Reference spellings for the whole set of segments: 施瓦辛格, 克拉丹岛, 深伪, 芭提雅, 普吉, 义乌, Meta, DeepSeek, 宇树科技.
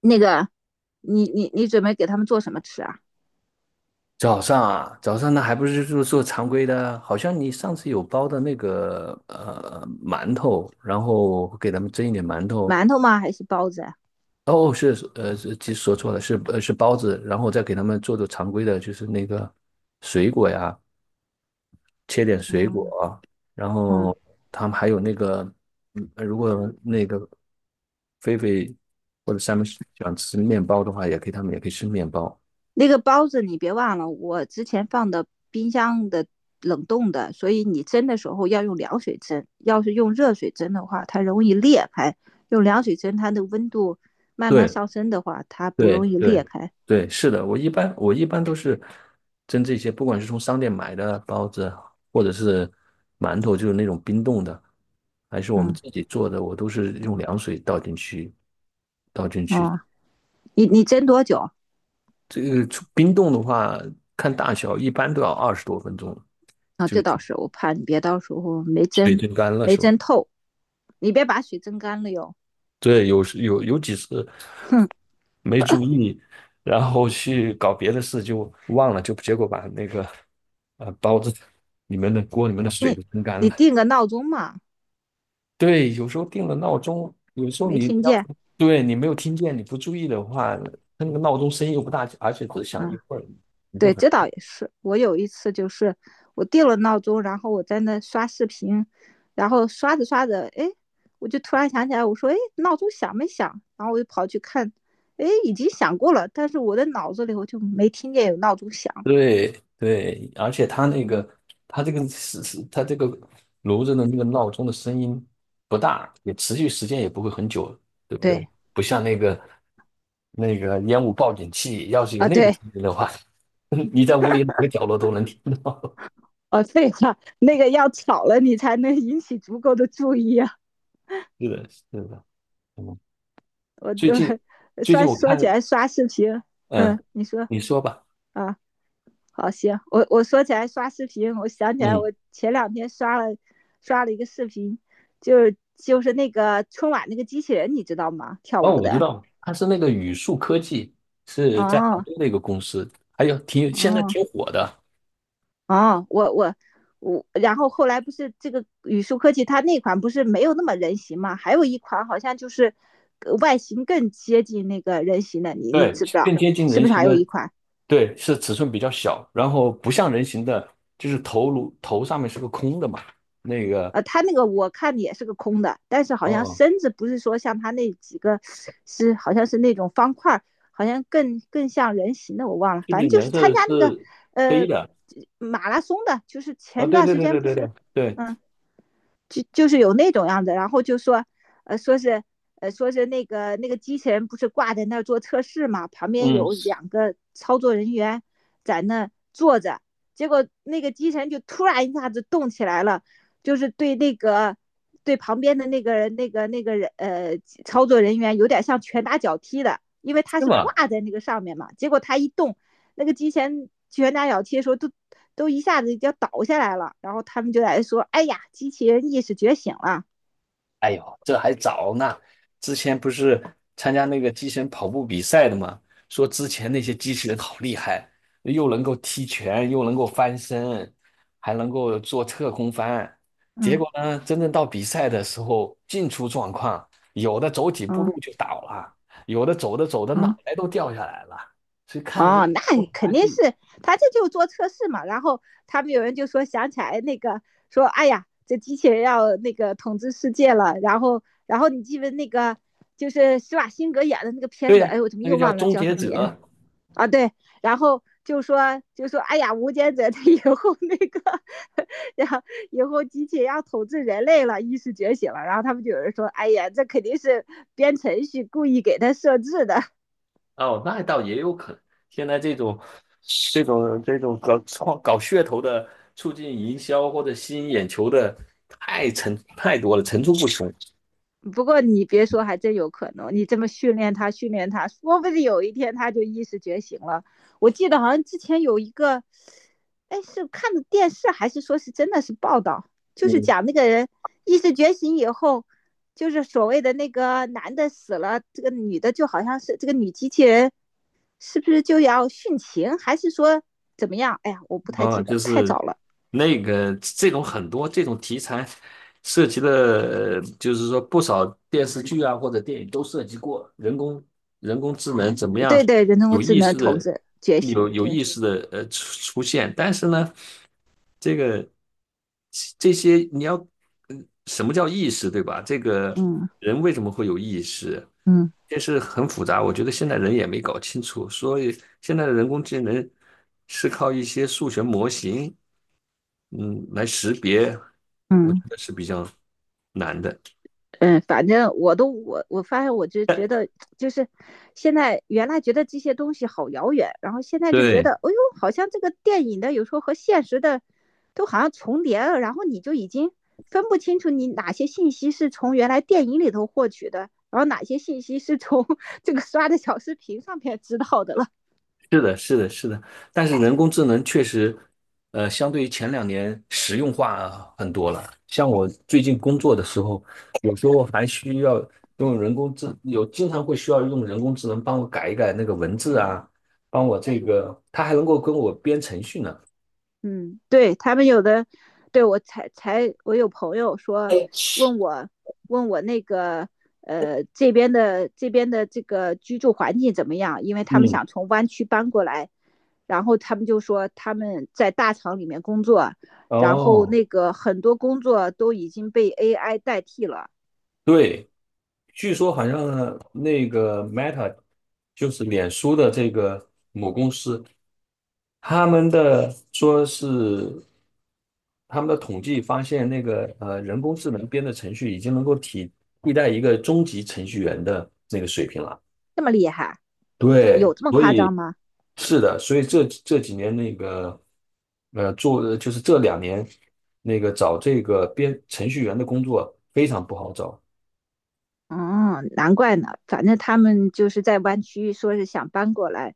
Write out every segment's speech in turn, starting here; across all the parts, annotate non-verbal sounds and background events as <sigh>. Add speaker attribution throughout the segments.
Speaker 1: 那个，你准备给他们做什么吃啊？
Speaker 2: 早上啊，早上那还不是就做常规的？好像你上次有包的那个馒头，然后给他们蒸一点馒头。
Speaker 1: 馒头吗？还是包子啊
Speaker 2: 哦，其实说错了，是包子，然后再给他们做常规的，就是那个水果呀，切点水
Speaker 1: 嗯
Speaker 2: 果啊。然
Speaker 1: 嗯，
Speaker 2: 后他们还有那个，嗯，如果那个菲菲或者山姆喜欢吃面包的话，也可以，他们也可以吃面包。
Speaker 1: 那个包子你别忘了，我之前放的冰箱的冷冻的，所以你蒸的时候要用凉水蒸。要是用热水蒸的话，它容易裂开；用凉水蒸，它的温度慢慢
Speaker 2: 对，
Speaker 1: 上升的话，它不
Speaker 2: 对
Speaker 1: 容易
Speaker 2: 对
Speaker 1: 裂开。
Speaker 2: 对，是的，我一般都是蒸这些，不管是从商店买的包子，或者是馒头，就是那种冰冻的，还是我们
Speaker 1: 嗯，
Speaker 2: 自己做的，我都是用凉水倒进去。
Speaker 1: 哦，你蒸多久
Speaker 2: 这个出冰冻的话，看大小，一般都要二十多分钟，
Speaker 1: 啊？这倒是，我怕你别到时候
Speaker 2: 水蒸干了
Speaker 1: 没
Speaker 2: 是吧？
Speaker 1: 蒸透，你别把水蒸干了哟。
Speaker 2: 对，有时有有几次，
Speaker 1: <laughs> 哼。
Speaker 2: 你然后去搞别的事就忘了，就结果把那个包子里面的锅里面的水
Speaker 1: 你
Speaker 2: 都蒸干
Speaker 1: 你
Speaker 2: 了。
Speaker 1: 定个闹钟嘛，
Speaker 2: 对，有时候定了闹钟，有时
Speaker 1: 你
Speaker 2: 候
Speaker 1: 没
Speaker 2: 你
Speaker 1: 听
Speaker 2: 要是
Speaker 1: 见？
Speaker 2: 对你没有听见，你不注意的话，它那个闹钟声音又不大，而且只响一
Speaker 1: 嗯，
Speaker 2: 会儿，你就
Speaker 1: 对，
Speaker 2: 很。
Speaker 1: 这倒也是。我有一次就是我定了闹钟，然后我在那刷视频，然后刷着刷着，哎，我就突然想起来，我说，哎，闹钟响没响？然后我就跑去看，哎，已经响过了，但是我的脑子里我就没听见有闹钟响。
Speaker 2: 对对，而且它那个它这个炉子的那个闹钟的声音不大，也持续时间也不会很久，对不对？
Speaker 1: 对，
Speaker 2: 不像那个那个烟雾报警器，要是有
Speaker 1: 啊，
Speaker 2: 那个
Speaker 1: 对，
Speaker 2: 声音的话，<laughs> 你在屋里哪个角落都能听。<laughs>
Speaker 1: 哦，对话，那个要吵了你才能引起足够的注意啊。
Speaker 2: 是的，是的，嗯，
Speaker 1: 我
Speaker 2: 最
Speaker 1: 对，
Speaker 2: 近
Speaker 1: <laughs>，
Speaker 2: 最近我
Speaker 1: 说起
Speaker 2: 看，
Speaker 1: 来刷视频，嗯，
Speaker 2: 嗯，
Speaker 1: 你说
Speaker 2: 你说吧。
Speaker 1: 啊。好，行，我说起来刷视频，我想起来
Speaker 2: 嗯，
Speaker 1: 我前两天刷了一个视频，就是那个春晚那个机器人，你知道吗？跳
Speaker 2: 哦，
Speaker 1: 舞
Speaker 2: 我知
Speaker 1: 的。
Speaker 2: 道，它是那个宇树科技，是在杭
Speaker 1: 哦
Speaker 2: 州的一个公司，还有挺现在
Speaker 1: 哦
Speaker 2: 挺火的，
Speaker 1: 哦，我我我，然后后来不是这个宇树科技它那款不是没有那么人形吗？还有一款好像就是外形更接近那个人形的，你
Speaker 2: 对，
Speaker 1: 知不知
Speaker 2: 更
Speaker 1: 道？
Speaker 2: 接近
Speaker 1: 是
Speaker 2: 人
Speaker 1: 不是
Speaker 2: 形
Speaker 1: 还有
Speaker 2: 的，
Speaker 1: 一款？
Speaker 2: 对，是尺寸比较小，然后不像人形的，就是头上面是个空的嘛，那个，
Speaker 1: 他那个我看也是个空的，但是好像
Speaker 2: 哦，
Speaker 1: 身子不是说像他那几个是好像是那种方块好像更像人形的，我忘了，
Speaker 2: 是不
Speaker 1: 反
Speaker 2: 是
Speaker 1: 正就
Speaker 2: 颜
Speaker 1: 是参
Speaker 2: 色
Speaker 1: 加那个
Speaker 2: 是黑
Speaker 1: 呃
Speaker 2: 的？
Speaker 1: 马拉松的，就是
Speaker 2: 啊，
Speaker 1: 前
Speaker 2: 对
Speaker 1: 段
Speaker 2: 对
Speaker 1: 时
Speaker 2: 对
Speaker 1: 间
Speaker 2: 对
Speaker 1: 不
Speaker 2: 对对
Speaker 1: 是，
Speaker 2: 对，
Speaker 1: 嗯。就是有那种样子，然后就说，说是，说是那个机器人不是挂在那儿做测试嘛，旁边
Speaker 2: 嗯，
Speaker 1: 有2个操作人员在那坐着，结果那个机器人就突然一下子动起来了，就是对旁边的那个人操作人员有点像拳打脚踢的，因为他
Speaker 2: 是
Speaker 1: 是挂
Speaker 2: 吗？
Speaker 1: 在那个上面嘛，结果他一动。那个机前拳打脚踢的时候都一下子要倒下来了，然后他们就在说：“哎呀，机器人意识觉醒了。”
Speaker 2: 哎呦，这还早呢。之前不是参加那个机器人跑步比赛的吗？说之前那些机器人好厉害，又能够踢拳，又能够翻身，还能够做侧空翻。结
Speaker 1: 嗯
Speaker 2: 果呢，真正到比赛的时候，进出状况，有的走几步
Speaker 1: 嗯
Speaker 2: 路就倒了，有的走着走着脑
Speaker 1: 嗯，
Speaker 2: 袋都掉下来了。所以看了就
Speaker 1: 哦，那肯
Speaker 2: 滑
Speaker 1: 定
Speaker 2: 稽。
Speaker 1: 是他这就做测试嘛。然后他们有人就说想起来那个说：“哎呀，这机器人要那个统治世界了。”然后你记得那个就是施瓦辛格演的那个片
Speaker 2: 对
Speaker 1: 子，
Speaker 2: 呀、
Speaker 1: 哎，我怎么
Speaker 2: 那个
Speaker 1: 又
Speaker 2: 叫
Speaker 1: 忘了
Speaker 2: 终
Speaker 1: 叫
Speaker 2: 结
Speaker 1: 什么名？
Speaker 2: 者，
Speaker 1: 啊，对，然后就说，哎呀，无间者他 <laughs> 以后那个，<laughs> 然后以后机器要统治人类了，意识觉醒了，然后他们就有人说，哎呀，这肯定是编程序故意给他设置的，
Speaker 2: 哦，那倒也有可能。现在这种、这种、这种搞创、搞噱头的、促进营销或者吸引眼球的，太层太多了，层出不穷。
Speaker 1: 不过你别说，还真有可能。你这么训练他，训练他，说不定有一天他就意识觉醒了。我记得好像之前有一个，哎，是看的电视还是说是真的是报道，
Speaker 2: <laughs>。
Speaker 1: 就是
Speaker 2: 嗯，
Speaker 1: 讲那个人意识觉醒以后，就是所谓的那个男的死了，这个女的就好像是这个女机器人，是不是就要殉情，还是说怎么样？哎呀，我不太
Speaker 2: 啊，
Speaker 1: 记得
Speaker 2: 就
Speaker 1: 了，太
Speaker 2: 是
Speaker 1: 早了。
Speaker 2: 那个这种很多这种题材涉及的，就是说不少电视剧啊或者电影都涉及过人工智能怎么样
Speaker 1: 对对，人工
Speaker 2: 有
Speaker 1: 智
Speaker 2: 意
Speaker 1: 能
Speaker 2: 识
Speaker 1: 统
Speaker 2: 的、
Speaker 1: 治觉醒，
Speaker 2: 有
Speaker 1: 对，
Speaker 2: 意识的出现，但是呢。这个这些你要，嗯什么叫意识，对吧？这个
Speaker 1: 嗯
Speaker 2: 人为什么会有意识，
Speaker 1: 嗯
Speaker 2: 这是很复杂。我觉得现在人也没搞清楚，所以现在的人工智能是靠一些数学模型，嗯，来识别，我觉
Speaker 1: 嗯。
Speaker 2: 得是比较难的。
Speaker 1: 嗯，反正我发现，我就觉得就是现在原来觉得这些东西好遥远，然后现在就觉
Speaker 2: 对，
Speaker 1: 得，哎呦，好像这个电影的有时候和现实的都好像重叠了，然后你就已经分不清楚你哪些信息是从原来电影里头获取的，然后哪些信息是从 <laughs> 这个刷的小视频上面知道的了。
Speaker 2: 是的，是的，是的，但是人工智能确实，相对于前两年实用化很多了。像我最近工作的时候，有时候还需要用人工智，有经常会需要用人工智能帮我改一改那个文字啊，帮我这个，它还能够跟我编程序呢。
Speaker 1: 嗯，对他们有的，对我才我有朋友说问我问我那个这边的这个居住环境怎么样，因为他们
Speaker 2: 嗯，
Speaker 1: 想从湾区搬过来，然后他们就说他们在大厂里面工作，然后
Speaker 2: 哦，
Speaker 1: 那个很多工作都已经被 AI 代替了，
Speaker 2: 对，据说好像那个 Meta 就是脸书的这个母公司，他们的统计发现，人工智能编的程序已经能够替代一个中级程序员的那个水平了。
Speaker 1: 这么厉害，
Speaker 2: 对，
Speaker 1: 这么
Speaker 2: 所
Speaker 1: 夸
Speaker 2: 以
Speaker 1: 张吗？
Speaker 2: 是的，所以这几年那个呃，做就是这两年那个找这个编程序员的工作非常不好找。
Speaker 1: 哦，难怪呢。反正他们就是在湾区，说是想搬过来，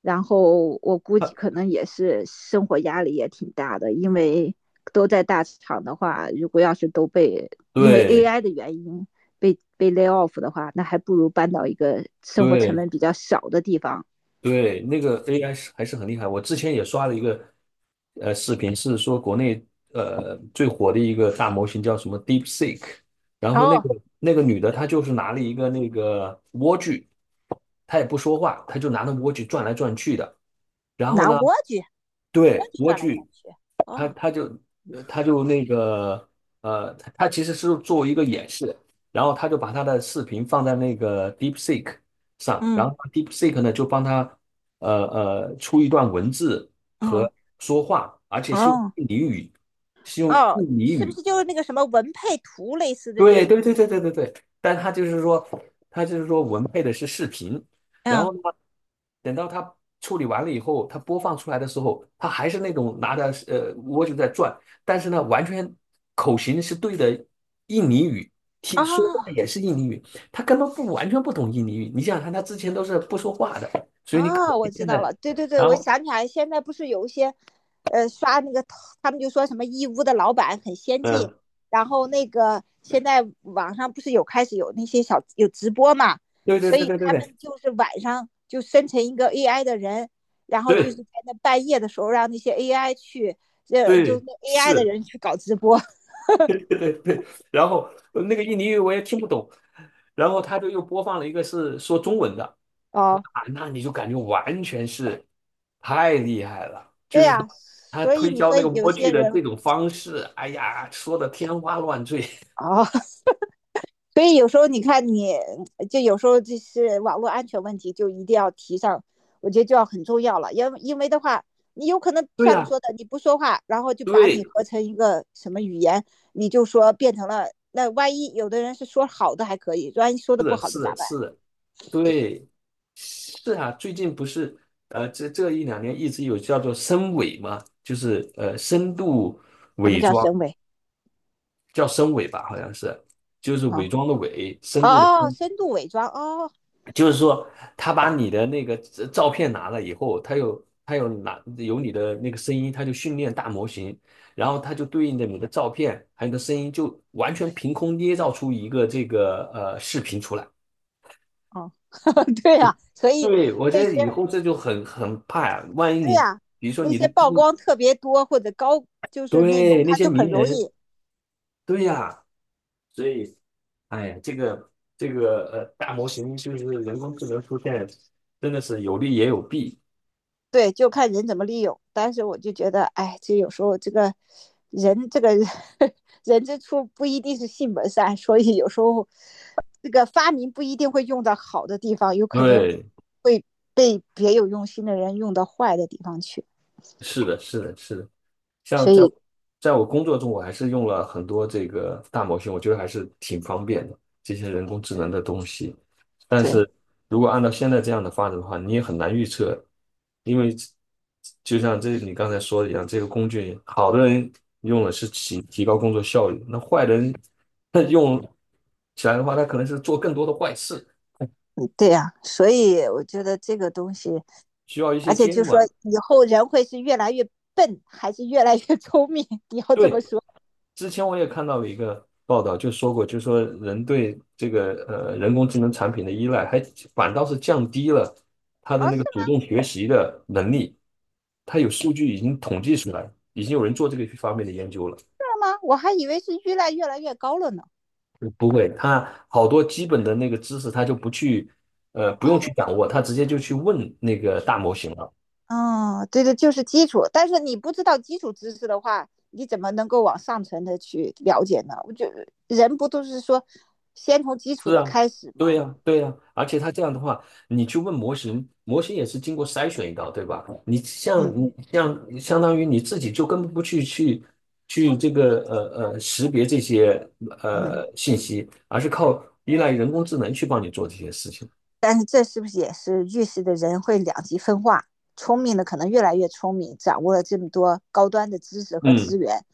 Speaker 1: 然后我估计
Speaker 2: 他
Speaker 1: 可能也是生活压力也挺大的，因为都在大厂的话，如果要是都被因为
Speaker 2: 对
Speaker 1: AI 的原因被 lay off 的话，那还不如搬到一个生活成
Speaker 2: 对
Speaker 1: 本比较少的地方。
Speaker 2: 对，那个 AI 是还是很厉害。我之前也刷了一个视频，是说国内最火的一个大模型叫什么 DeepSeek,然后那个
Speaker 1: 哦，
Speaker 2: 那个女的她就是拿了一个那个莴苣，她也不说话，她就拿那莴苣转来转去的，然后
Speaker 1: 拿
Speaker 2: 呢，
Speaker 1: 蜗居，蜗
Speaker 2: 对，
Speaker 1: 居
Speaker 2: 莴
Speaker 1: 转来转
Speaker 2: 苣。
Speaker 1: 去。
Speaker 2: 他
Speaker 1: 哦，
Speaker 2: 他就呃他就那个呃，他他其实是做一个演示，然后他就把他的视频放在那个 DeepSeek 上，
Speaker 1: 嗯
Speaker 2: 然后 DeepSeek 呢就帮他出一段文字
Speaker 1: 嗯，
Speaker 2: 和说话，而且是用
Speaker 1: 哦
Speaker 2: 印尼语，是用
Speaker 1: 哦，
Speaker 2: 印尼
Speaker 1: 是不
Speaker 2: 语。
Speaker 1: 是就是那个什么文配图类似的这？
Speaker 2: 对对对对对对对，但他就是说，他就是说文配的是视频，然
Speaker 1: 嗯，
Speaker 2: 后呢，等到他处理完了以后，他播放出来的时候，他还是那种拿着蜗牛在转，但是呢，完全口型是对的印尼语，听说话
Speaker 1: 哦。
Speaker 2: 也是印尼语，他根本不完全不懂印尼语。你想想看，他之前都是不说话的，所以你可能
Speaker 1: 啊，我知
Speaker 2: 现
Speaker 1: 道
Speaker 2: 在，
Speaker 1: 了，对对对，
Speaker 2: 然
Speaker 1: 我
Speaker 2: 后
Speaker 1: 想起来，现在不是有一些，刷那个，他们就说什么义乌的老板很先进，
Speaker 2: 嗯，
Speaker 1: 然后那个现在网上不是有开始有那些小有直播嘛，
Speaker 2: 对对
Speaker 1: 所
Speaker 2: 对
Speaker 1: 以
Speaker 2: 对对
Speaker 1: 他
Speaker 2: 对
Speaker 1: 们就是晚上就生成一个 AI 的人，然后就是
Speaker 2: 对
Speaker 1: 在那半夜的时候让那些 AI 去，就
Speaker 2: 对，
Speaker 1: 那 AI 的
Speaker 2: 是。
Speaker 1: 人去搞直播。<laughs>
Speaker 2: <laughs> 对对对，然后那个印尼语我也听不懂，然后他就又播放了一个是说中文的，哇，
Speaker 1: 哦，
Speaker 2: 那你就感觉完全是太厉害了，就
Speaker 1: 对
Speaker 2: 是他
Speaker 1: 呀，
Speaker 2: 他
Speaker 1: 所以
Speaker 2: 推
Speaker 1: 你
Speaker 2: 销
Speaker 1: 说
Speaker 2: 那个
Speaker 1: 有
Speaker 2: 莴苣
Speaker 1: 些
Speaker 2: 的这
Speaker 1: 人，
Speaker 2: 种方式，哎呀，说的天花乱坠。<laughs>
Speaker 1: 哦，所以有时候你看你，就有时候就是网络安全问题，就一定要提上，我觉得就要很重要了。因为的话，你有可能
Speaker 2: 对
Speaker 1: 像你
Speaker 2: 呀，
Speaker 1: 说的，你不说话，然后就把你
Speaker 2: 对
Speaker 1: 合成一个什么语言，你就说变成了。那万一有的人是说好的还可以，万一说的不好的咋办？
Speaker 2: 对，是啊，最近不是这这一两年一直有叫做深伪嘛，就是深度
Speaker 1: 什么
Speaker 2: 伪
Speaker 1: 叫
Speaker 2: 装，
Speaker 1: 深伪
Speaker 2: 叫深伪吧，好像是，就是伪
Speaker 1: 啊？
Speaker 2: 装的伪，深度的
Speaker 1: 哦，
Speaker 2: 深。
Speaker 1: 深度伪装哦
Speaker 2: 就是说，他把你的那个照片拿了以后，他有拿有你的那个声音，他就训练大模型，然后他就对应着你的照片还有你的声音，就完全凭空捏造出一个这个视频出来。
Speaker 1: 哦，<laughs> 对呀，啊，所以
Speaker 2: 对，我
Speaker 1: 那
Speaker 2: 觉得
Speaker 1: 些
Speaker 2: 以后这就很很怕呀，万一
Speaker 1: 对
Speaker 2: 你
Speaker 1: 呀，啊，
Speaker 2: 比如说
Speaker 1: 那
Speaker 2: 你的
Speaker 1: 些
Speaker 2: 基
Speaker 1: 曝
Speaker 2: 因
Speaker 1: 光特别多或者高，就是那种
Speaker 2: 对那
Speaker 1: 他
Speaker 2: 些
Speaker 1: 就很
Speaker 2: 名
Speaker 1: 容
Speaker 2: 人，
Speaker 1: 易
Speaker 2: 对呀，所以哎呀，这个大模型就是人工智能出现，真的是有利也有弊。
Speaker 1: 对，就看人怎么利用。但是我就觉得，哎，这有时候这个人，这个 <laughs> 人之初不一定是性本善，所以有时候这个发明不一定会用到好的地方，有可能
Speaker 2: 对，
Speaker 1: 会被别有用心的人用到坏的地方去。
Speaker 2: 是的，是的，是的。像
Speaker 1: 所
Speaker 2: 在我
Speaker 1: 以，
Speaker 2: 在我工作中，我还是用了很多这个大模型，我觉得还是挺方便的，这些人工智能的东西。但
Speaker 1: 对，
Speaker 2: 是如果按照现在这样的发展的话，你也很难预测，因为就像这你刚才说的一样，这个工具好的人用了是提高工作效率，那坏人他用起来的话，他可能是做更多的坏事，
Speaker 1: 嗯，对呀，所以我觉得这个东西，
Speaker 2: 需要一些
Speaker 1: 而且就
Speaker 2: 监
Speaker 1: 说
Speaker 2: 管。
Speaker 1: 以后人会是越来越笨，还是越来越 <laughs> 聪明？你要这
Speaker 2: 对，
Speaker 1: 么说，
Speaker 2: 之前我也看到了一个报道，就说过，就说人对这个人工智能产品的依赖，还反倒是降低了他的
Speaker 1: 哦，
Speaker 2: 那
Speaker 1: 是
Speaker 2: 个主
Speaker 1: 吗？
Speaker 2: 动学习的能力。他有数据已经统计出来，已经有人做这个方面的研究了。
Speaker 1: 是吗？我还以为是越来越高了呢。
Speaker 2: 不会，他好多基本的那个知识，他就不去不用去
Speaker 1: 哦，
Speaker 2: 掌握，他直接就去问那个大模型了。
Speaker 1: 哦，对对，就是基础。但是你不知道基础知识的话，你怎么能够往上层的去了解呢？我觉得人不都是说先从基础
Speaker 2: 是
Speaker 1: 的
Speaker 2: 啊，
Speaker 1: 开始
Speaker 2: 对
Speaker 1: 吗？
Speaker 2: 呀，对呀，而且他这样的话，你去问模型，模型也是经过筛选一道，对吧？你像
Speaker 1: 嗯
Speaker 2: 你像相当于你自己就根本不去去去这个识别这些
Speaker 1: 嗯。
Speaker 2: 信息，而是靠依赖人工智能去帮你做这些事情。
Speaker 1: 但是这是不是也是预示着人会两极分化？聪明的可能越来越聪明，掌握了这么多高端的知识和资
Speaker 2: 嗯，
Speaker 1: 源，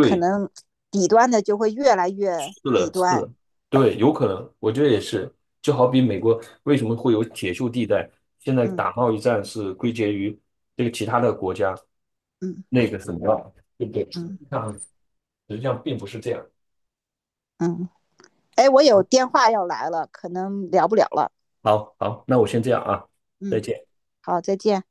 Speaker 1: 可能底端的就会越来
Speaker 2: 是
Speaker 1: 越底
Speaker 2: 的，是
Speaker 1: 端。
Speaker 2: 的，对，有可能，我觉得也是。就好比美国为什么会有铁锈地带，现在
Speaker 1: 嗯
Speaker 2: 打贸易战是归结于这个其他的国家
Speaker 1: 嗯
Speaker 2: 那个什么，对不对？
Speaker 1: 嗯
Speaker 2: 实际上并不是这样。
Speaker 1: 嗯。哎，我有
Speaker 2: 好，
Speaker 1: 电话要来了，可能聊不了了。
Speaker 2: 好，好，那我先这样啊，再
Speaker 1: 嗯，
Speaker 2: 见。
Speaker 1: 好，再见。